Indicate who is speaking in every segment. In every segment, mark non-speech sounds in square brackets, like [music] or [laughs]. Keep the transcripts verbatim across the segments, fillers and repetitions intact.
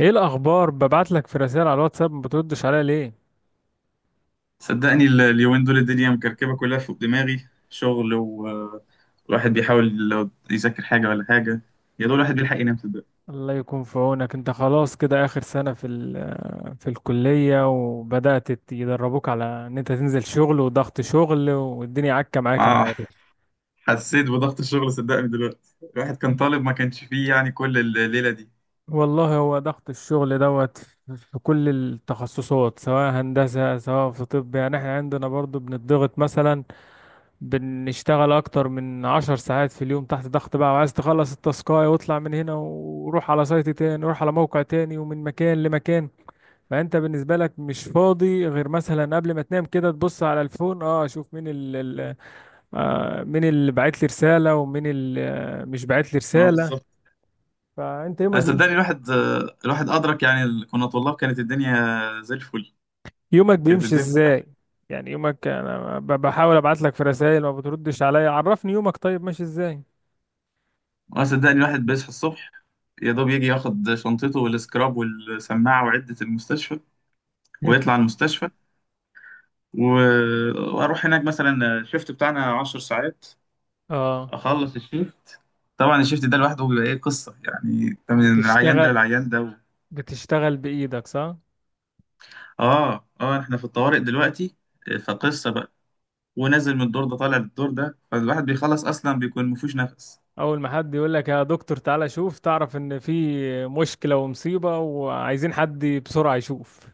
Speaker 1: ايه الاخبار؟ ببعت لك في رسائل على الواتساب، ما بتردش عليا ليه؟
Speaker 2: صدقني ال- اليومين دول الدنيا مكركبة كلها فوق دماغي شغل، والواحد بيحاول لو يذاكر حاجة ولا حاجة. يا دول الواحد بيلحق ينام صدقني.
Speaker 1: الله يكون في عونك. انت خلاص كده اخر سنة في ال- آه، في الكلية، وبدأت ت- يدربوك على ان انت تنزل شغل، وضغط شغل، والدنيا عكة معاك. انا
Speaker 2: آه،
Speaker 1: عارف.
Speaker 2: حسيت بضغط الشغل صدقني. دلوقتي الواحد كان طالب ما كانش فيه يعني كل الليلة دي.
Speaker 1: والله هو ضغط الشغل دوت في كل التخصصات، سواء هندسة سواء في طب. يعني احنا عندنا برضو بنضغط مثلا، بنشتغل اكتر من عشر ساعات في اليوم تحت ضغط، بقى وعايز تخلص التاسكاية واطلع من هنا وروح على سايت تاني وروح على موقع تاني ومن مكان لمكان. فانت بالنسبة لك مش فاضي غير مثلا قبل ما تنام كده، تبص على الفون، اه اشوف مين ال ال- آه مين اللي بعت لي رسالة، ومين اللي آه مش بعت لي
Speaker 2: ما هو
Speaker 1: رسالة.
Speaker 2: بالظبط.
Speaker 1: فانت
Speaker 2: أنا
Speaker 1: يومك
Speaker 2: صدقني
Speaker 1: بيمشي،
Speaker 2: الواحد آه، الواحد أدرك يعني ال- كنا طلاب كانت الدنيا زي الفل.
Speaker 1: يومك
Speaker 2: كانت
Speaker 1: بيمشي
Speaker 2: الدنيا.
Speaker 1: ازاي؟ يعني يومك، انا ب- بحاول ابعت لك في رسائل، ما بتردش عليا. عرفني يومك طيب ماشي ازاي.
Speaker 2: اه صدقني الواحد بيصحى الصبح، يا دوب يجي ياخد شنطته والسكراب والسماعة وعدة المستشفى، ويطلع
Speaker 1: [laughs]
Speaker 2: المستشفى. و- واروح هناك مثلا الشيفت بتاعنا عشر ساعات.
Speaker 1: اه،
Speaker 2: اخلص الشيفت. طبعا الشيفت ده لوحده بيبقى ايه قصه، يعني أنت من العيان ده
Speaker 1: بتشتغل،
Speaker 2: للعيان ده و...
Speaker 1: بتشتغل بإيدك صح؟
Speaker 2: اه اه، احنا في الطوارئ دلوقتي. فقصه بقى، ونازل من الدور ده طالع للدور ده، فالواحد بيخلص اصلا بيكون مفيش نفس.
Speaker 1: أول ما حد يقول لك يا دكتور تعالى شوف، تعرف إن في مشكلة ومصيبة وعايزين حد بسرعة يشوف،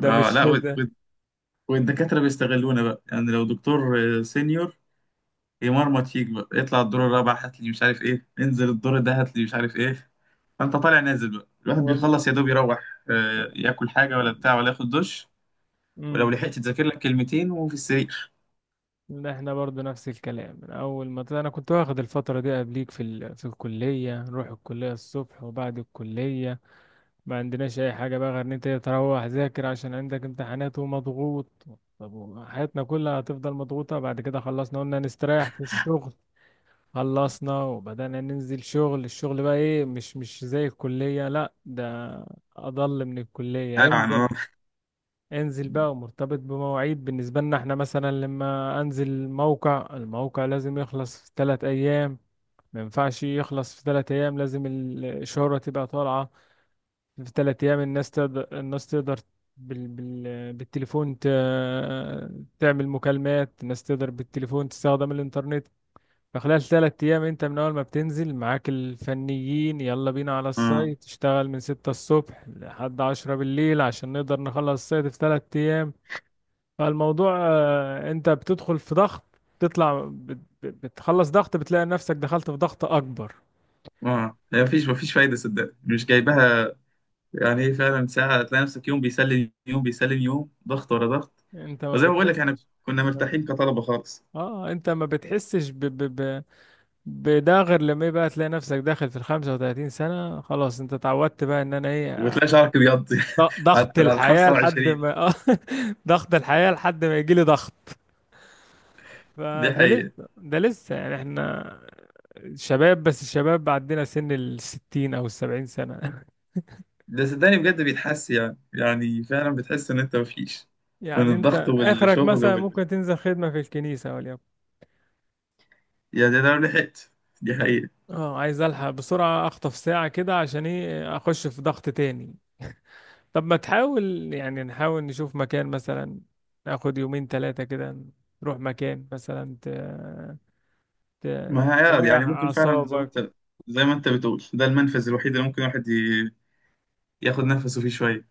Speaker 1: ده
Speaker 2: اه،
Speaker 1: مش
Speaker 2: لا وال-
Speaker 1: ده.
Speaker 2: وال- والدكاتره بيستغلونا بقى. يعني لو دكتور آه، سينيور، يمرمط فيك بقى، اطلع الدور الرابع هات لي مش عارف ايه، انزل الدور ده هات لي مش عارف ايه. فانت طالع نازل بقى، الواحد
Speaker 1: والله.
Speaker 2: بيخلص يا دوب يروح، آه، ياكل حاجه ولا بتاع ولا ياخد دش، ولو
Speaker 1: امم.
Speaker 2: لحقت تذاكر لك كلمتين وفي السرير.
Speaker 1: ده احنا برضو نفس الكلام من أول ما أنا كنت واخد الفترة دي قبليك، في ال... في الكلية، نروح الكلية الصبح، وبعد الكلية ما عندناش أي حاجة بقى غير إن أنت تروح ذاكر عشان عندك امتحانات ومضغوط. طب حياتنا كلها هتفضل مضغوطة؟ بعد كده خلصنا، قلنا نستريح في الشغل. خلصنا وبدأنا ننزل شغل، الشغل بقى ايه؟ مش مش زي الكلية، لا ده أضل من الكلية.
Speaker 2: قال عن
Speaker 1: انزل،
Speaker 2: اه.
Speaker 1: انزل بقى ومرتبط بمواعيد. بالنسبة لنا احنا مثلا لما انزل موقع، الموقع لازم يخلص في ثلاث أيام، ما ينفعش يخلص في ثلاث أيام لازم ال- الشهرة تبقى طالعة في ثلاث أيام. الناس تقدر، الناس تقدر بال... بال... بالتليفون ت... تعمل مكالمات، الناس تقدر بالتليفون تستخدم الإنترنت. فخلال ثلاث أيام أنت من أول ما بتنزل معاك الفنيين، يلا بينا على
Speaker 2: اه
Speaker 1: السايت، تشتغل من ستة الصبح لحد عشرة بالليل عشان نقدر نخلص السايت في ثلاث أيام. فالموضوع آه، أنت بتدخل في ضغط، تطلع بت- بت- بتخلص ضغط، بتلاقي نفسك دخلت في ضغط أكبر.
Speaker 2: اه، هي مفيش مفيش فايده صدقني، مش جايبها يعني ايه. فعلا ساعه تلاقي نفسك يوم بيسلم يوم بيسلم، يوم ضغط ورا ضغط.
Speaker 1: أنت ما
Speaker 2: وزي ما بقول لك، احنا
Speaker 1: بتحسش،
Speaker 2: كنا مرتاحين كطلبه خالص.
Speaker 1: اه انت ما بتحسش ب... ب... ب... بده غير لما يبقى تلاقي نفسك داخل في ال خمسة وثلاثين سنة، خلاص انت اتعودت بقى ان انا ايه،
Speaker 2: وتلاقي شعرك ابيض
Speaker 1: ض-
Speaker 2: [laughs] على على
Speaker 1: ضغط
Speaker 2: ال
Speaker 1: الحياة لحد
Speaker 2: الخمسة وعشرين.
Speaker 1: ما [laughs] آه، ضغط الحياة لحد ما يجيلي ضغط.
Speaker 2: دي
Speaker 1: فده
Speaker 2: حقيقه.
Speaker 1: لسه ده لسه يعني احنا شباب، بس الشباب عندنا سن الستين أو السبعين سنة.
Speaker 2: ده صدقني بجد بيتحس، يعني يعني فعلا بتحس ان انت مفيش
Speaker 1: [laughs]
Speaker 2: من
Speaker 1: يعني
Speaker 2: الضغط
Speaker 1: أنت آخرك
Speaker 2: والشغل.
Speaker 1: مثلا ممكن تنزل خدمة في الكنيسة، وليكن.
Speaker 2: يا ده لو لحقت. دي حقيقة.
Speaker 1: اه عايز ألحق بسرعة، أخطف ساعة كده عشان إيه؟ أخش في ضغط تاني. طب ما تحاول، يعني نحاول نشوف مكان مثلا، ناخد يومين تلاتة كده، نروح مكان مثلا ت... ت... يعني
Speaker 2: ما هي آه،
Speaker 1: تريح
Speaker 2: يعني ممكن فعلا زي ما
Speaker 1: أعصابك،
Speaker 2: انت زي ما انت بتقول، ده المنفذ الوحيد اللي ممكن الواحد ي- ياخد نفسه فيه شوية.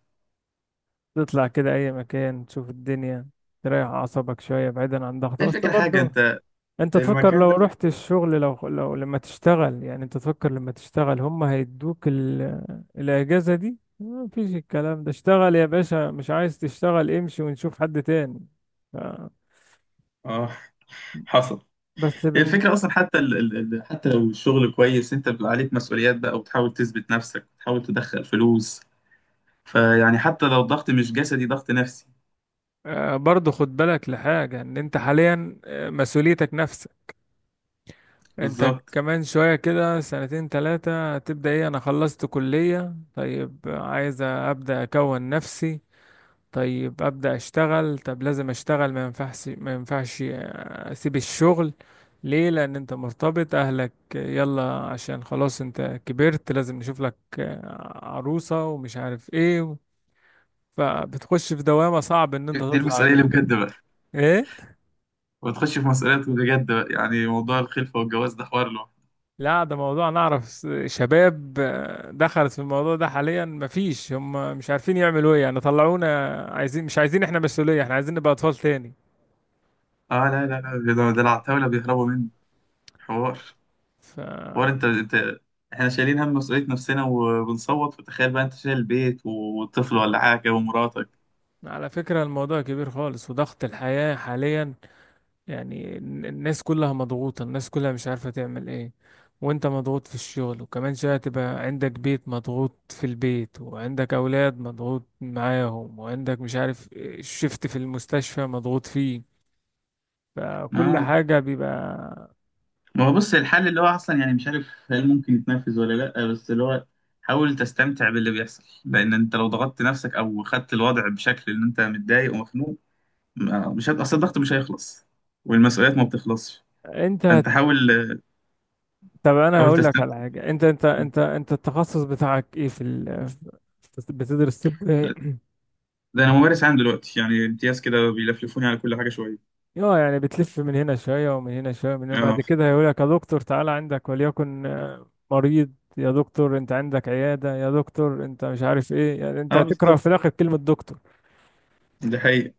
Speaker 1: تطلع كده اي مكان تشوف الدنيا، تريح اعصابك شويه بعيدا عن ضغط.
Speaker 2: هي
Speaker 1: بس
Speaker 2: الفكرة حاجة
Speaker 1: برضو
Speaker 2: انت،
Speaker 1: انت تفكر
Speaker 2: المكان
Speaker 1: لو
Speaker 2: ده بت-
Speaker 1: رحت الشغل، لو لو لما تشتغل، يعني انت تفكر لما تشتغل هم هيدوك ال... الاجازه دي؟ مفيش الكلام ده. اشتغل يا باشا، مش عايز تشتغل امشي ونشوف حد تاني. ف...
Speaker 2: اه حصل.
Speaker 1: بس
Speaker 2: هي
Speaker 1: بال...
Speaker 2: الفكرة أصلا حتى ال... ال... ال- حتى لو الشغل كويس، أنت بيبقى عليك مسؤوليات بقى، وتحاول تثبت نفسك وتحاول تدخل فلوس. فيعني حتى لو الضغط مش جسدي، ضغط نفسي.
Speaker 1: آه، برضو خد بالك لحاجه، ان انت حاليا آه، مسؤوليتك نفسك، انت
Speaker 2: بالظبط.
Speaker 1: كمان شوية كده سنتين تلاتة تبدأ ايه، انا خلصت كلية، طيب عايز ابدأ اكون نفسي، طيب ابدأ اشتغل، طب لازم اشتغل، ما ينفعش ما ينفعش آه، اسيب الشغل ليه؟ لان انت مرتبط، اهلك يلا عشان خلاص انت كبرت، لازم نشوف لك آه، عروسة، ومش عارف ايه. فبتخش في دوامة صعب ان انت
Speaker 2: دي
Speaker 1: تطلع
Speaker 2: المسؤولية اللي
Speaker 1: منها.
Speaker 2: بجد بقى،
Speaker 1: ايه؟
Speaker 2: وتخش في مسؤوليات بجد بقى. يعني موضوع الخلفة والجواز ده حوار له.
Speaker 1: لا ده موضوع، نعرف س- شباب آه، دخلت في الموضوع ده حاليا، مفيش هم مش عارفين يعملوا ايه، يعني طلعونا عايزين مش عايزين احنا مسؤولية، احنا عايزين نبقى اطفال تاني.
Speaker 2: اه، لا لا لا، ده ده العتاولة بيهربوا. حوار،
Speaker 1: ف،
Speaker 2: حوار. انت انت احنا شايلين هم مسؤولية نفسنا وبنصوت، فتخيل بقى انت شايل البيت وطفل ولا حاجة ومراتك.
Speaker 1: على فكرة الموضوع كبير خالص، وضغط الحياة حاليا يعني الن- الناس كلها مضغوطة، الناس كلها مش عارفة تعمل ايه، وانت مضغوط في الشغل، وكمان شوية تبقى عندك بيت مضغوط في البيت، وعندك اولاد مضغوط معاهم، وعندك مش عارف، شفت في المستشفى مضغوط فيه. فكل
Speaker 2: اه،
Speaker 1: حاجة بيبقى،
Speaker 2: ما هو بص الحل اللي هو اصلا يعني مش عارف هل ممكن يتنفذ ولا لا، بس اللي هو حاول تستمتع باللي بيحصل. لان انت لو ضغطت نفسك او خدت الوضع بشكل ان انت متضايق ومخنوق، ما- مش هت... اصل الضغط مش هيخلص، والمسؤوليات ما بتخلصش.
Speaker 1: انت
Speaker 2: فانت
Speaker 1: هت...
Speaker 2: حاول،
Speaker 1: طب انا
Speaker 2: حاول
Speaker 1: هقول لك على
Speaker 2: تستمتع.
Speaker 1: حاجة، انت انت انت انت التخصص بتاعك ايه في ال... في- بتدرس طب ايه؟
Speaker 2: لا، ده انا ممارس عام دلوقتي يعني امتياز كده، بيلفلفوني على كل حاجة شوية.
Speaker 1: اه يعني بتلف من هنا شوية ومن هنا شوية من هنا،
Speaker 2: اه
Speaker 1: وبعد كده هيقول لك يا دكتور تعالى عندك وليكن آه، مريض، يا دكتور انت عندك عيادة، يا دكتور انت مش عارف ايه. يعني انت
Speaker 2: اه
Speaker 1: هتكره
Speaker 2: بالظبط،
Speaker 1: في الاخر كلمة دكتور.
Speaker 2: ده حقيقي.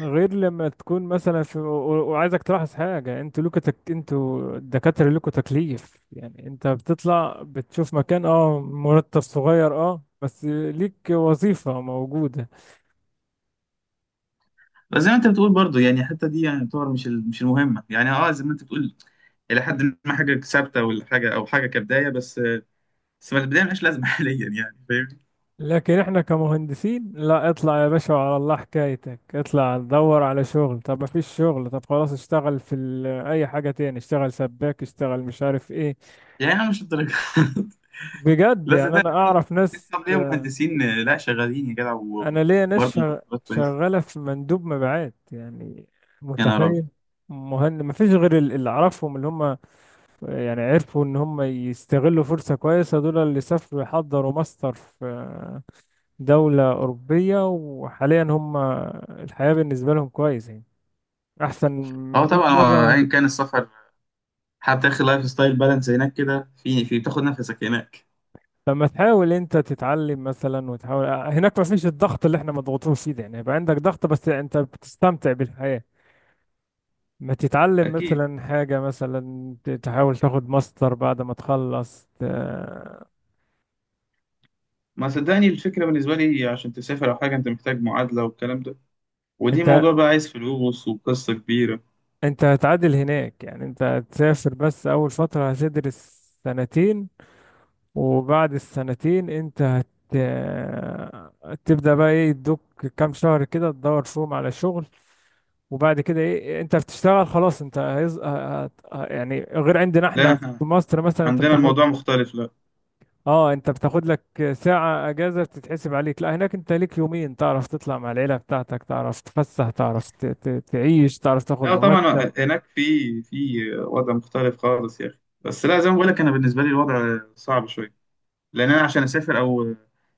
Speaker 1: غير لما تكون مثلا في و- و- وعايزك تلاحظ حاجة، انتوا لكم تك... انتوا الدكاترة لكم تكليف، يعني انت بتطلع بتشوف مكان، اه مرتب صغير، اه بس ليك وظيفة موجودة.
Speaker 2: بس زي ما انت بتقول برضو، يعني حتى دي يعني تعتبر مش ال- مش المهمه. يعني اه زي ما انت بتقول، الى حد ما حاجه ثابته ولا حاجه، او حاجه كبدايه بس. بس ما البدايه ملهاش لازمه [laughs] حاليا، يعني فاهمني.
Speaker 1: لكن احنا كمهندسين، لا، اطلع يا باشا وعلى الله حكايتك، اطلع دور على شغل، طب ما فيش شغل، طب خلاص اشتغل في ال... اي حاجة تاني، اشتغل سباك، اشتغل مش عارف ايه.
Speaker 2: يعني انا مش الدرجه. [laughs]
Speaker 1: بجد،
Speaker 2: لا
Speaker 1: يعني انا
Speaker 2: صدقني، في-
Speaker 1: اعرف
Speaker 2: في
Speaker 1: ناس
Speaker 2: اصحاب ليا
Speaker 1: آه،
Speaker 2: مهندسين آه، لا شغالين يا جدع، و- و-
Speaker 1: انا ليا ناس
Speaker 2: وبرضه
Speaker 1: شغ-
Speaker 2: مرتبات كويسه.
Speaker 1: شغاله في مندوب مبيعات يعني،
Speaker 2: يا نهار ابيض.
Speaker 1: متخيل؟ مهند ما فيش غير ال- اللي اعرفهم اللي هم يعني عرفوا ان هم يستغلوا فرصه كويسه، دول اللي سافروا يحضروا ماستر في دوله اوروبيه، وحاليا هم الحياه بالنسبه لهم كويس يعني، احسن
Speaker 2: اه
Speaker 1: مية
Speaker 2: طبعا، هو
Speaker 1: مره.
Speaker 2: ايا كان السفر حتى اخر، لايف ستايل بالانس هناك كده، في في بتاخد نفسك هناك.
Speaker 1: لما تحاول انت تتعلم مثلا وتحاول هناك، ما فيش الضغط اللي احنا مضغوطين فيه ده، يعني هيبقى عندك ضغط بس انت بتستمتع بالحياه. ما تتعلم
Speaker 2: اكيد.
Speaker 1: مثلا حاجة، مثلا ت- تحاول تاخد ماستر بعد ما تخلص ت...
Speaker 2: ما صدقني الفكره بالنسبه لي، عشان تسافر او حاجه انت محتاج معادله والكلام ده، ودي
Speaker 1: انت
Speaker 2: موضوع بقى عايز فلوس وقصة كبيرة.
Speaker 1: انت هتعادل هناك، يعني انت هتسافر، بس اول فترة هتدرس سنتين، وبعد السنتين انت هت... تبدأ بقى ايه، يدوك كام شهر كده تدور فيهم على شغل، وبعد كده ايه انت بتشتغل خلاص. انت هيز... هت... يعني غير عندنا
Speaker 2: لا
Speaker 1: احنا في
Speaker 2: احنا
Speaker 1: مصر مثلا، انت
Speaker 2: عندنا
Speaker 1: بتاخد،
Speaker 2: الموضوع مختلف. لا
Speaker 1: اه انت بتاخد لك ساعة اجازة بتتحسب عليك. لا هناك انت ليك يومين، تعرف تطلع مع العيلة بتاعتك، تعرف تفسح، تعرف ت- ت- تعيش، تعرف تاخد
Speaker 2: لا
Speaker 1: مرتب.
Speaker 2: طبعا، هناك في في وضع مختلف خالص يا أخي. بس لا، زي ما بقول لك أنا، بالنسبة لي الوضع صعب شوية. لأن أنا عشان أسافر أو،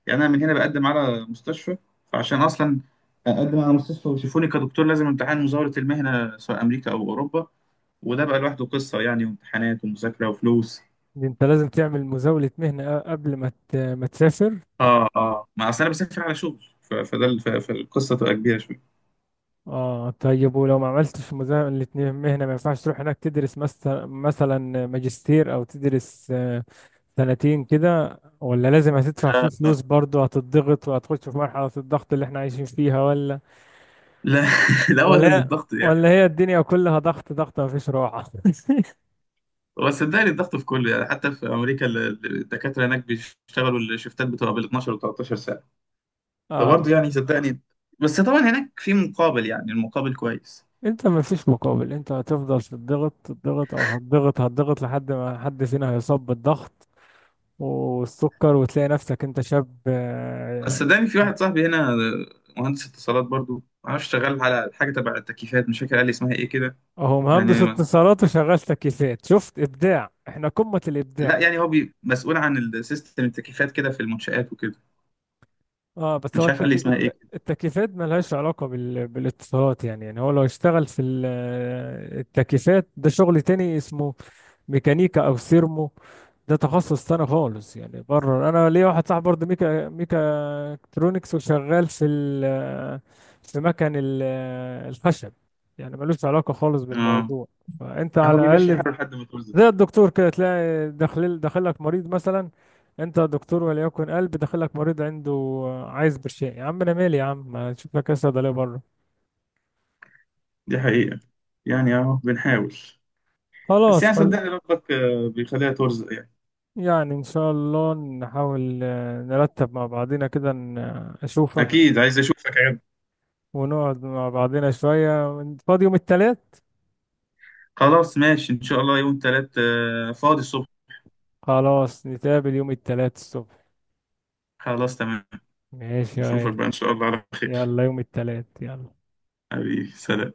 Speaker 2: يعني أنا من هنا بقدم على مستشفى. فعشان أصلا أقدم على مستشفى ويشوفوني كدكتور، لازم امتحان مزاولة المهنة سواء أمريكا أو أوروبا. وده بقى لوحده قصة يعني، وامتحانات ومذاكرة وفلوس.
Speaker 1: انت لازم تعمل مزاولة مهنة أ- قبل ما ت- ما تسافر.
Speaker 2: اه اه، ما أصل أنا بسافر على شغل، ف- فده ال- ف- فالقصة تبقى كبيرة شوية.
Speaker 1: اه طيب ولو ما عملتش مزاولة مهنة ما ينفعش تروح هناك تدرس مثلا، مثلا ماجستير، او تدرس آه، سنتين كده؟ ولا لازم هتدفع فيه
Speaker 2: لا
Speaker 1: فلوس برضه، هتضغط وهتخش في مرحلة الضغط اللي احنا عايشين فيها، ولا
Speaker 2: لا [laughs] لا، هو
Speaker 1: ولا هي،
Speaker 2: الضغط يعني.
Speaker 1: ولا هي الدنيا كلها ضغط ضغط مفيش راحة؟
Speaker 2: هو صدقني الضغط في كله، يعني حتى في امريكا ال- ال- الدكاتره هناك بيشتغلوا الشفتات بتبقى بال اتناشر و ثلاثة عشر ساعه.
Speaker 1: [laughs] اه،
Speaker 2: فبرضه يعني صدقني، بس طبعا هناك في مقابل، يعني المقابل كويس.
Speaker 1: انت مفيش مقابل، انت هتفضل تضغط تضغط او هتضغط هتضغط لحد ما حد فينا هيصاب بالضغط والسكر، وتلاقي نفسك انت شاب.
Speaker 2: بس
Speaker 1: آه،
Speaker 2: صدقني في واحد صاحبي هنا مهندس اتصالات برضه، معرفش شغال على حاجه تبع التكييفات مش فاكر قال لي اسمها ايه كده.
Speaker 1: اهو مهندس
Speaker 2: يعني
Speaker 1: اتصالات وشغال تكييفات، شفت ابداع، احنا قمة الابداع.
Speaker 2: لا، يعني هو بي مسؤول عن السيستم التكييفات كده في المنشآت وكده،
Speaker 1: اه بس هو
Speaker 2: مش عارف قال لي
Speaker 1: التكي...
Speaker 2: اسمها ايه
Speaker 1: الت...
Speaker 2: كده.
Speaker 1: التكييفات ملهاش علاقة بال... بالاتصالات، يعني يعني هو لو اشتغل في ال- التكييفات ده شغل تاني اسمه ميكانيكا او سيرمو، ده تخصص تاني خالص. يعني بره انا ليا واحد صاحبي برضه ميكا ميكا الكترونكس، وشغال في ال في مكن ال- الخشب، يعني ملوش علاقة خالص
Speaker 2: اه
Speaker 1: بالموضوع. فانت
Speaker 2: هو
Speaker 1: على
Speaker 2: بيمشي
Speaker 1: الاقل
Speaker 2: حاله لحد ما توصل.
Speaker 1: زي الدكتور كده، تلاقي داخل داخلك مريض مثلا، انت دكتور وليكن قلب، داخلك مريض عنده عايز برشام، يا عم انا مالي، يا عم ما تشوف لك ايه صيدليه بره.
Speaker 2: دي حقيقه، يعني اهو بنحاول. بس
Speaker 1: خلاص
Speaker 2: يعني
Speaker 1: خل...
Speaker 2: صدقني ربك آه، بيخليها ترزق يعني.
Speaker 1: يعني ان شاء الله نحاول آه، نرتب مع بعضنا كده ن- اشوفك،
Speaker 2: اكيد عايز اشوفك يا جدع.
Speaker 1: ونقعد مع بعضنا شوية. وانت فاضي يوم التلات؟
Speaker 2: خلاص ماشي ان شاء الله، يوم تلات آه، فاضي الصبح.
Speaker 1: خلاص نتقابل يوم التلات الصبح.
Speaker 2: خلاص تمام.
Speaker 1: ماشي يا
Speaker 2: نشوفك
Speaker 1: غالي،
Speaker 2: بقى ان شاء الله على خير.
Speaker 1: يلا يوم التلات، يلا.
Speaker 2: حبيبي سلام.